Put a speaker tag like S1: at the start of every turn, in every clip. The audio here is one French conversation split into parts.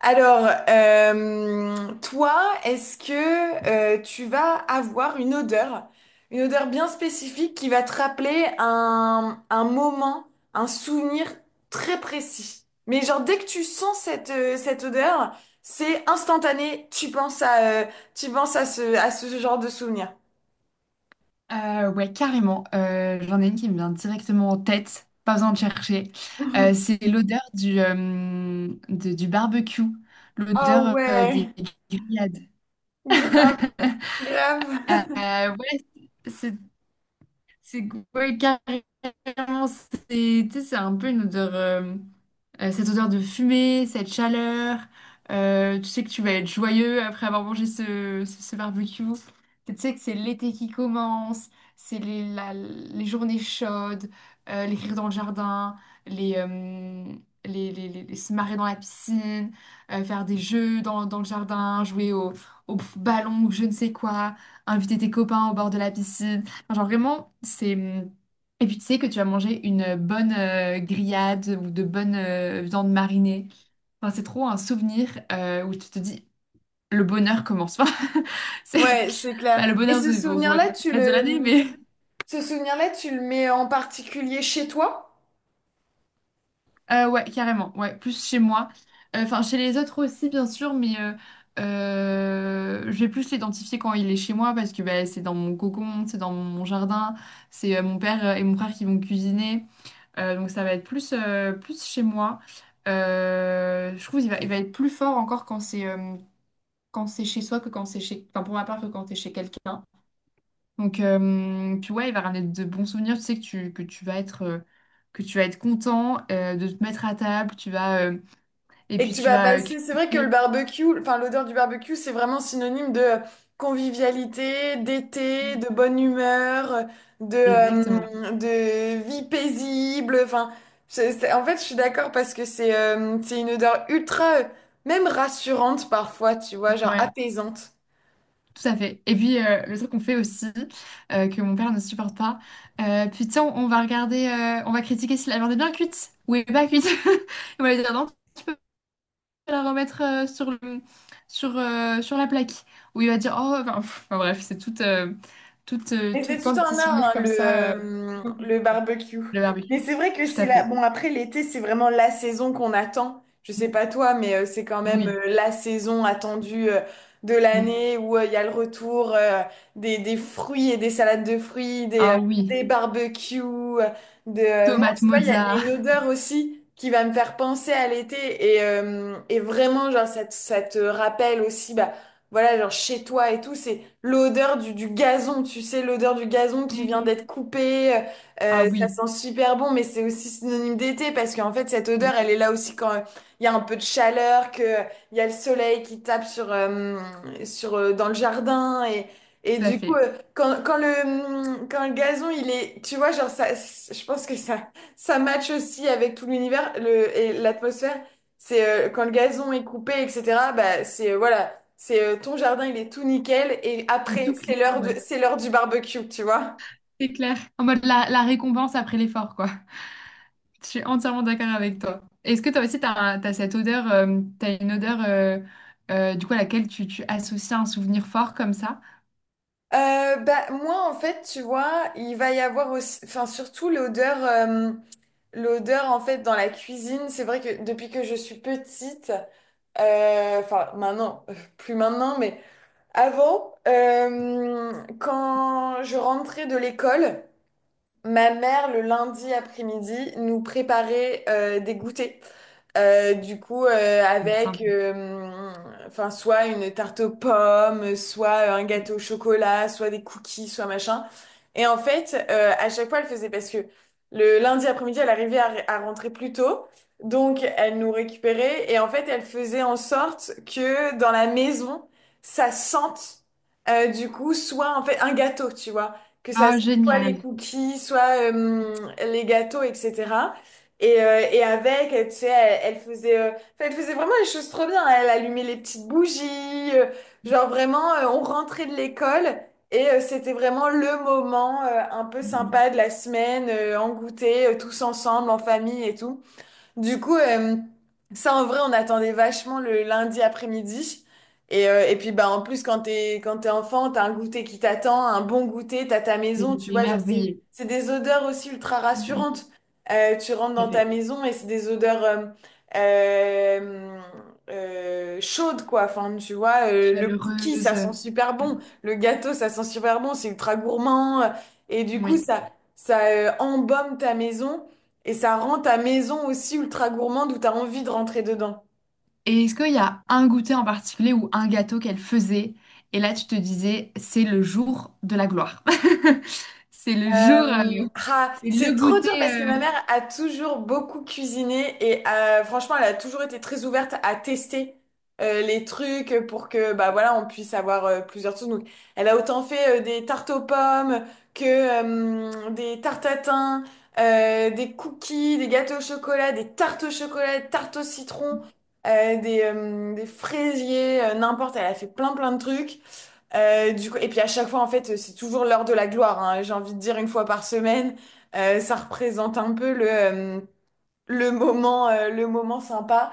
S1: Alors, toi, est-ce que tu vas avoir une odeur bien spécifique qui va te rappeler un moment, un souvenir très précis? Mais genre, dès que tu sens cette odeur, c'est instantané, tu penses tu penses à à ce genre de souvenir.
S2: Ouais, carrément. J'en ai une qui me vient directement en tête, pas besoin de chercher. C'est l'odeur du barbecue,
S1: Ah
S2: l'odeur
S1: ouais,
S2: des grillades.
S1: grave, grave.
S2: Ouais, c'est c'est- ouais, carrément vraiment, c'est tu sais, c'est un peu une odeur, cette odeur de fumée, cette chaleur. Tu sais que tu vas être joyeux après avoir mangé ce barbecue. Tu sais que c'est l'été qui commence, c'est les journées chaudes, les rires dans le jardin, les, euh, se marrer dans la piscine, faire des jeux dans le jardin, jouer au ballon ou je ne sais quoi, inviter tes copains au bord de la piscine. Enfin, genre vraiment, c'est... Et puis tu sais que tu vas manger une bonne grillade ou de bonnes viandes marinées. Enfin, c'est trop un souvenir où tu te dis le bonheur commence. Enfin, c'est
S1: Ouais, c'est
S2: bah,
S1: clair.
S2: le
S1: Et
S2: bonheur,
S1: ce
S2: il faut, faut être le reste de l'année, mais
S1: ce souvenir-là, tu le mets en particulier chez toi?
S2: ouais, carrément, ouais, plus chez moi. Enfin, chez les autres aussi, bien sûr, mais je vais plus l'identifier quand il est chez moi parce que bah, c'est dans mon cocon, c'est dans mon jardin, c'est mon père et mon frère qui vont cuisiner. Donc ça va être plus, plus chez moi. Je trouve il va être plus fort encore quand c'est chez soi que quand c'est chez... Enfin, pour ma part, que quand c'est chez quelqu'un. Donc, puis ouais, il va ramener de bons souvenirs. Tu sais que tu vas être... que tu vas être content de te mettre à table, tu vas et
S1: Et que
S2: puis
S1: tu
S2: tu
S1: vas
S2: vas
S1: passer, c'est vrai que le
S2: critiquer.
S1: barbecue, enfin l'odeur du barbecue, c'est vraiment synonyme de convivialité, d'été, de bonne humeur,
S2: Exactement.
S1: de vie paisible. Enfin, en fait, je suis d'accord parce que c'est une odeur ultra, même rassurante parfois, tu vois, genre
S2: Ouais.
S1: apaisante.
S2: Tout à fait. Et puis, le truc qu'on fait aussi, que mon père ne supporte pas, putain, on va regarder, on va critiquer si la viande est bien cuite ou est pas cuite. On va lui dire, non, tu peux la remettre sur la plaque. Ou il va dire, oh, enfin, pff, enfin, bref, c'est
S1: Mais
S2: tout
S1: c'est
S2: plein
S1: tout
S2: de petits
S1: un art,
S2: souvenirs
S1: hein,
S2: comme ça.
S1: le barbecue.
S2: Le
S1: Mais
S2: barbecue.
S1: c'est vrai que
S2: Tout
S1: c'est
S2: à
S1: la...
S2: fait.
S1: Bon, après, l'été, c'est vraiment la saison qu'on attend. Je sais pas toi, mais c'est quand même
S2: Oui.
S1: la saison attendue de
S2: Mm.
S1: l'année où il y a le retour des fruits et des salades de fruits,
S2: Ah oui.
S1: des barbecues. Moi,
S2: Tomate
S1: tu vois,
S2: mozza.
S1: il y a une odeur aussi qui va me faire penser à l'été. Et vraiment, genre, ça te rappelle aussi, bah, voilà, genre chez toi et tout. C'est l'odeur du gazon, tu sais, l'odeur du gazon qui vient d'être
S2: Mm.
S1: coupé,
S2: Ah
S1: ça
S2: oui.
S1: sent super bon, mais c'est aussi synonyme d'été parce qu'en fait, cette
S2: Mm.
S1: odeur, elle est là aussi quand il y a un peu de chaleur, que il y a le soleil qui tape dans le jardin et
S2: Tout à
S1: du coup,
S2: fait.
S1: quand le gazon, il est, tu vois, genre, je pense que ça match aussi avec tout l'univers, et l'atmosphère. C'est quand le gazon est coupé, etc. Bah, c'est voilà. C'est ton jardin, il est tout nickel et
S2: Et
S1: après,
S2: tout clean, ouais.
S1: c'est l'heure du barbecue, tu vois.
S2: C'est clair. En mode la récompense après l'effort, quoi. Je suis entièrement d'accord avec toi. Est-ce que toi aussi, tu as, cette odeur, t'as une odeur du coup à laquelle tu associes un souvenir fort comme ça?
S1: Bah moi en fait, tu vois, il va y avoir aussi, enfin surtout l'odeur en fait dans la cuisine. C'est vrai que depuis que je suis petite, enfin maintenant, plus maintenant, mais avant, quand je rentrais de l'école. Ma mère, le lundi après-midi, nous préparait des goûters. Du coup, avec
S2: Sympa.
S1: enfin, soit une tarte aux pommes, soit un gâteau au chocolat, soit des cookies, soit machin. Et en fait, à chaque fois, elle faisait parce que le lundi après-midi, elle arrivait à rentrer plus tôt. Donc, elle nous récupérait. Et en fait, elle faisait en sorte que dans la maison, ça sente, soit en fait un gâteau, tu vois. Que ça
S2: Oh,
S1: soit les
S2: génial.
S1: cookies, soit les gâteaux, etc. Et avec, tu sais, elle faisait, enfin, elle faisait vraiment les choses trop bien. Elle allumait les petites bougies, genre vraiment, on rentrait de l'école et c'était vraiment le moment un peu
S2: Mm, mm.
S1: sympa de la semaine, en goûter, tous ensemble, en famille et tout. Du coup, ça en vrai, on attendait vachement le lundi après-midi. Et puis, bah, en plus, quand t'es enfant, t'as un goûter qui t'attend, un bon goûter, t'as ta
S2: T'es
S1: maison, tu
S2: t'es
S1: vois, genre,
S2: émerveillée.
S1: c'est des odeurs aussi ultra
S2: Mm, mm.
S1: rassurantes. Tu rentres
S2: Tout à
S1: dans ta
S2: fait.
S1: maison et c'est des odeurs euh, chaudes, quoi. Enfin, tu vois, le cookie, ça
S2: Chaleureuse.
S1: sent super
S2: Mm.
S1: bon. Le gâteau, ça sent super bon. C'est ultra gourmand. Et du coup,
S2: Oui.
S1: ça embaume ta maison. Et ça rend ta maison aussi ultra gourmande où t'as envie de rentrer dedans.
S2: Et est-ce qu'il y a un goûter en particulier ou un gâteau qu'elle faisait et là tu te disais c'est le jour de la gloire. C'est le jour,
S1: Euh, ah,
S2: c'est le
S1: c'est trop
S2: goûter.
S1: dur parce que ma mère a toujours beaucoup cuisiné et franchement, elle a toujours été très ouverte à tester les trucs pour que bah voilà, on puisse avoir plusieurs choses. Donc, elle a autant fait des tartes aux pommes que des tartes à thym, des cookies, des gâteaux au chocolat, des tartes au chocolat, des tartes au citron, des fraisiers, n'importe. Elle a fait plein plein de trucs. Du coup, et puis à chaque fois, en fait, c'est toujours l'heure de la gloire, hein. J'ai envie de dire une fois par semaine, ça représente un peu le moment sympa.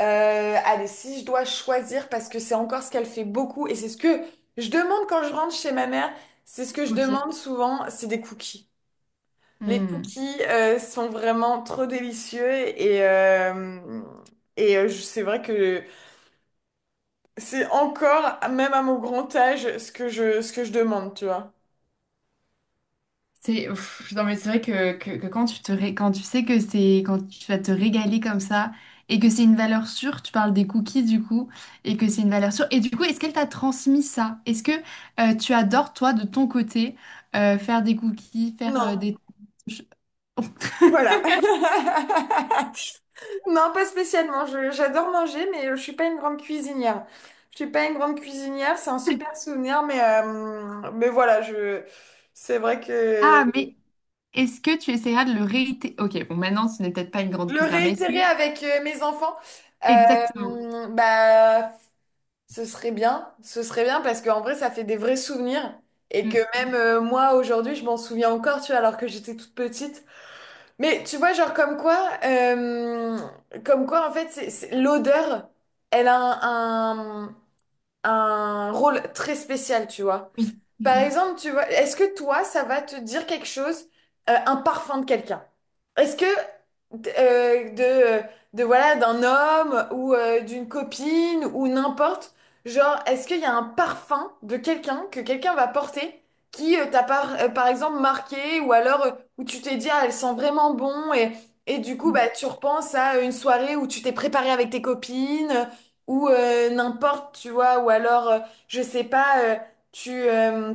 S1: Euh, allez, si je dois choisir, parce que c'est encore ce qu'elle fait beaucoup, et c'est ce que je demande quand je rentre chez ma mère, c'est ce que je
S2: Ok.
S1: demande souvent, c'est des cookies. Les
S2: Hmm.
S1: cookies, sont vraiment trop délicieux et c'est vrai que c'est encore, même à mon grand âge, ce que ce que je demande, tu vois.
S2: C'est ouf. Non, mais c'est vrai que quand quand tu sais que c'est quand tu vas te régaler comme ça et que c'est une valeur sûre, tu parles des cookies du coup et que c'est une valeur sûre. Et du coup, est-ce qu'elle t'a transmis ça? Est-ce que tu adores toi de ton côté faire des cookies, faire
S1: Non,
S2: des
S1: voilà. Non, pas spécialement. J'adore manger, mais je suis pas une grande cuisinière. Je suis pas une grande cuisinière, c'est un super souvenir, mais voilà, c'est vrai que
S2: Ah, mais est-ce que tu essaieras de le réitérer? Ok, bon, maintenant, ce n'est peut-être pas une grande
S1: le
S2: cuisine, mais est-ce
S1: réitérer
S2: que...
S1: avec mes enfants,
S2: Exactement.
S1: bah, ce serait bien. Ce serait bien parce qu'en vrai, ça fait des vrais souvenirs et que
S2: Mm,
S1: même moi, aujourd'hui, je m'en souviens encore, tu vois, alors que j'étais toute petite. Mais tu vois, genre comme quoi en fait, l'odeur, elle a un, un, un rôle très spécial, tu vois.
S2: oui.
S1: Par
S2: Mm,
S1: exemple, tu vois, est-ce que toi, ça va te dire quelque chose, un parfum de quelqu'un? Est-ce que d- euh, de, de voilà, d'un homme ou d'une copine ou n'importe, genre, est-ce qu'il y a un parfum de quelqu'un que quelqu'un va porter qui par exemple marqué ou alors où tu t'es dit, ah, elle sent vraiment bon et du coup,
S2: mm,
S1: bah, tu repenses à une soirée où tu t'es préparé avec tes copines ou n'importe, tu vois, ou alors, je sais pas. Tu, euh,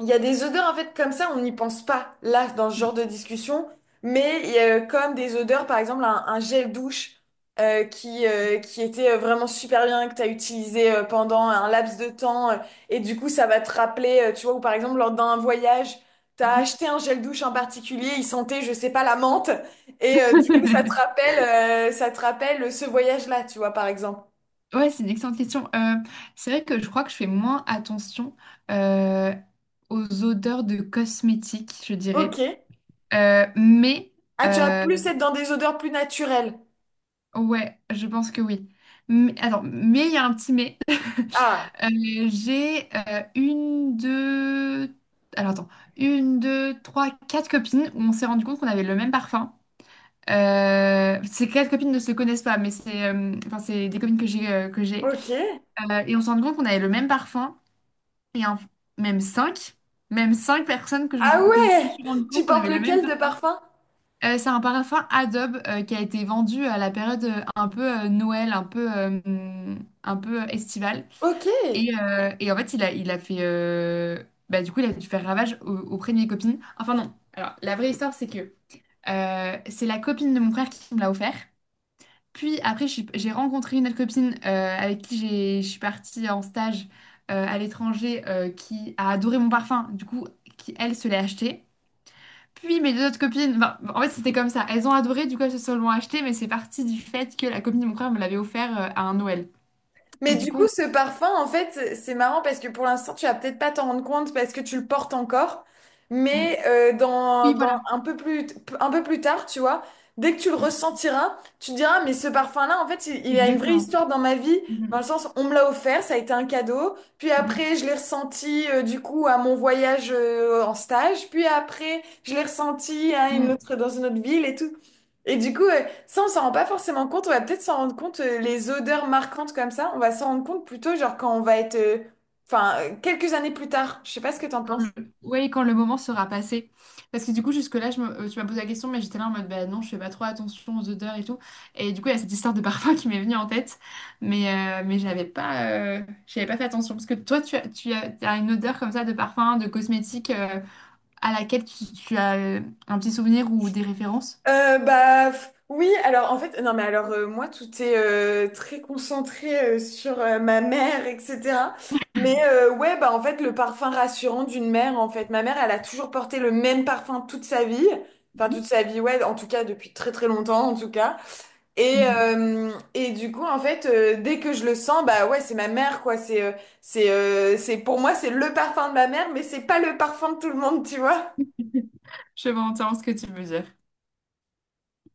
S1: il y a des odeurs en fait comme ça, on n'y pense pas là dans ce genre de
S2: mm,
S1: discussion, mais il y a comme des odeurs, par exemple un gel douche qui était vraiment super bien que tu as utilisé pendant un laps de temps et du coup ça va te rappeler, tu vois, ou par exemple lors d'un voyage, tu as
S2: mm,
S1: acheté un gel douche en particulier, il sentait, je sais pas, la menthe et du coup
S2: mm.
S1: ça te rappelle ce voyage-là, tu vois par exemple.
S2: Ouais, c'est une excellente question. C'est vrai que je crois que je fais moins attention euh, aux odeurs de cosmétiques, je
S1: Ok.
S2: dirais. Euh, mais,
S1: Ah, tu as
S2: euh,
S1: plus être dans des odeurs plus naturelles.
S2: ouais, je pense que oui. Mais, attends, mais il y a un petit mais.
S1: Ah.
S2: J'ai une, deux... Alors attends, une, deux, trois, quatre copines où on s'est rendu compte qu'on avait le même parfum. Ces quatre copines ne se connaissent pas, mais c'est enfin, c'est des copines que j'ai que j'ai.
S1: Ok.
S2: Et on s'est rendu compte qu'on avait le même parfum. et en- Même cinq, même cinq personnes
S1: Ah
S2: que je me
S1: ouais!
S2: suis rendu
S1: Tu
S2: compte qu'on
S1: portes
S2: avait le même
S1: lequel de
S2: parfum.
S1: parfum?
S2: C'est un parfum Adobe qui a été vendu à la période un peu Noël, un peu estivale.
S1: Ok.
S2: Et en fait, il a fait. Bah, du coup, il a dû faire ravage auprès de mes copines. Enfin, non. Alors, la vraie histoire, c'est que c'est la copine de mon frère qui me l'a offert. Puis après, j'ai rencontré une autre copine avec qui je suis partie en stage à l'étranger qui a adoré mon parfum, du coup, qui elle se l'est acheté. Puis mes deux autres copines, ben, en fait c'était comme ça, elles ont adoré, du coup elles se sont l'ont acheté, mais c'est parti du fait que la copine de mon frère me l'avait offert à un Noël.
S1: Mais
S2: Et du
S1: du coup,
S2: coup,
S1: ce parfum, en fait, c'est marrant parce que pour l'instant, tu vas peut-être pas t'en rendre compte parce que tu le portes encore.
S2: on- on-
S1: Mais
S2: oui
S1: dans
S2: voilà.
S1: un peu plus tard, tu vois, dès que tu le
S2: Mm.
S1: ressentiras, tu te diras, mais ce parfum-là, en fait, il a une vraie
S2: Exactement.
S1: histoire dans ma vie, dans
S2: Mm,
S1: le sens, on me l'a offert, ça a été un cadeau. Puis
S2: mm,
S1: après, je l'ai ressenti, du coup, à mon voyage en stage. Puis après, je l'ai ressenti à
S2: mm,
S1: une
S2: mm.
S1: autre, dans une autre ville et tout. Et du coup, on s'en rend pas forcément compte. On va peut-être s'en rendre compte, les odeurs marquantes comme ça, on va s'en rendre compte plutôt, genre, quand on va être, enfin, quelques années plus tard. Je sais pas ce que t'en
S2: Quand le...
S1: penses.
S2: ouais, quand le moment sera passé. Parce que du coup, jusque-là, tu m'as posé la question, mais j'étais là en mode, bah non, je fais pas trop attention aux odeurs et tout. Et du coup, il y a cette histoire de parfum qui m'est venue en tête. Mais euh, j'avais pas fait attention. Parce que toi, t'as une odeur comme ça de parfum, de cosmétique, à laquelle tu as un petit souvenir ou des références.
S1: Bah f- oui, alors en fait, non mais alors moi tout est très concentré sur ma mère, etc. Mais ouais, bah en fait le parfum rassurant d'une mère, en fait, ma mère elle a toujours porté le même parfum toute sa vie, enfin toute
S2: Mhm.
S1: sa vie, ouais, en tout cas depuis très très longtemps en tout cas.
S2: Mhm.
S1: Et du coup, en fait, dès que je le sens, bah ouais, c'est ma mère, quoi. C'est, pour moi, c'est le parfum de ma mère, mais c'est pas le parfum de tout le monde, tu vois.
S2: Je vois entièrement ce que tu veux dire.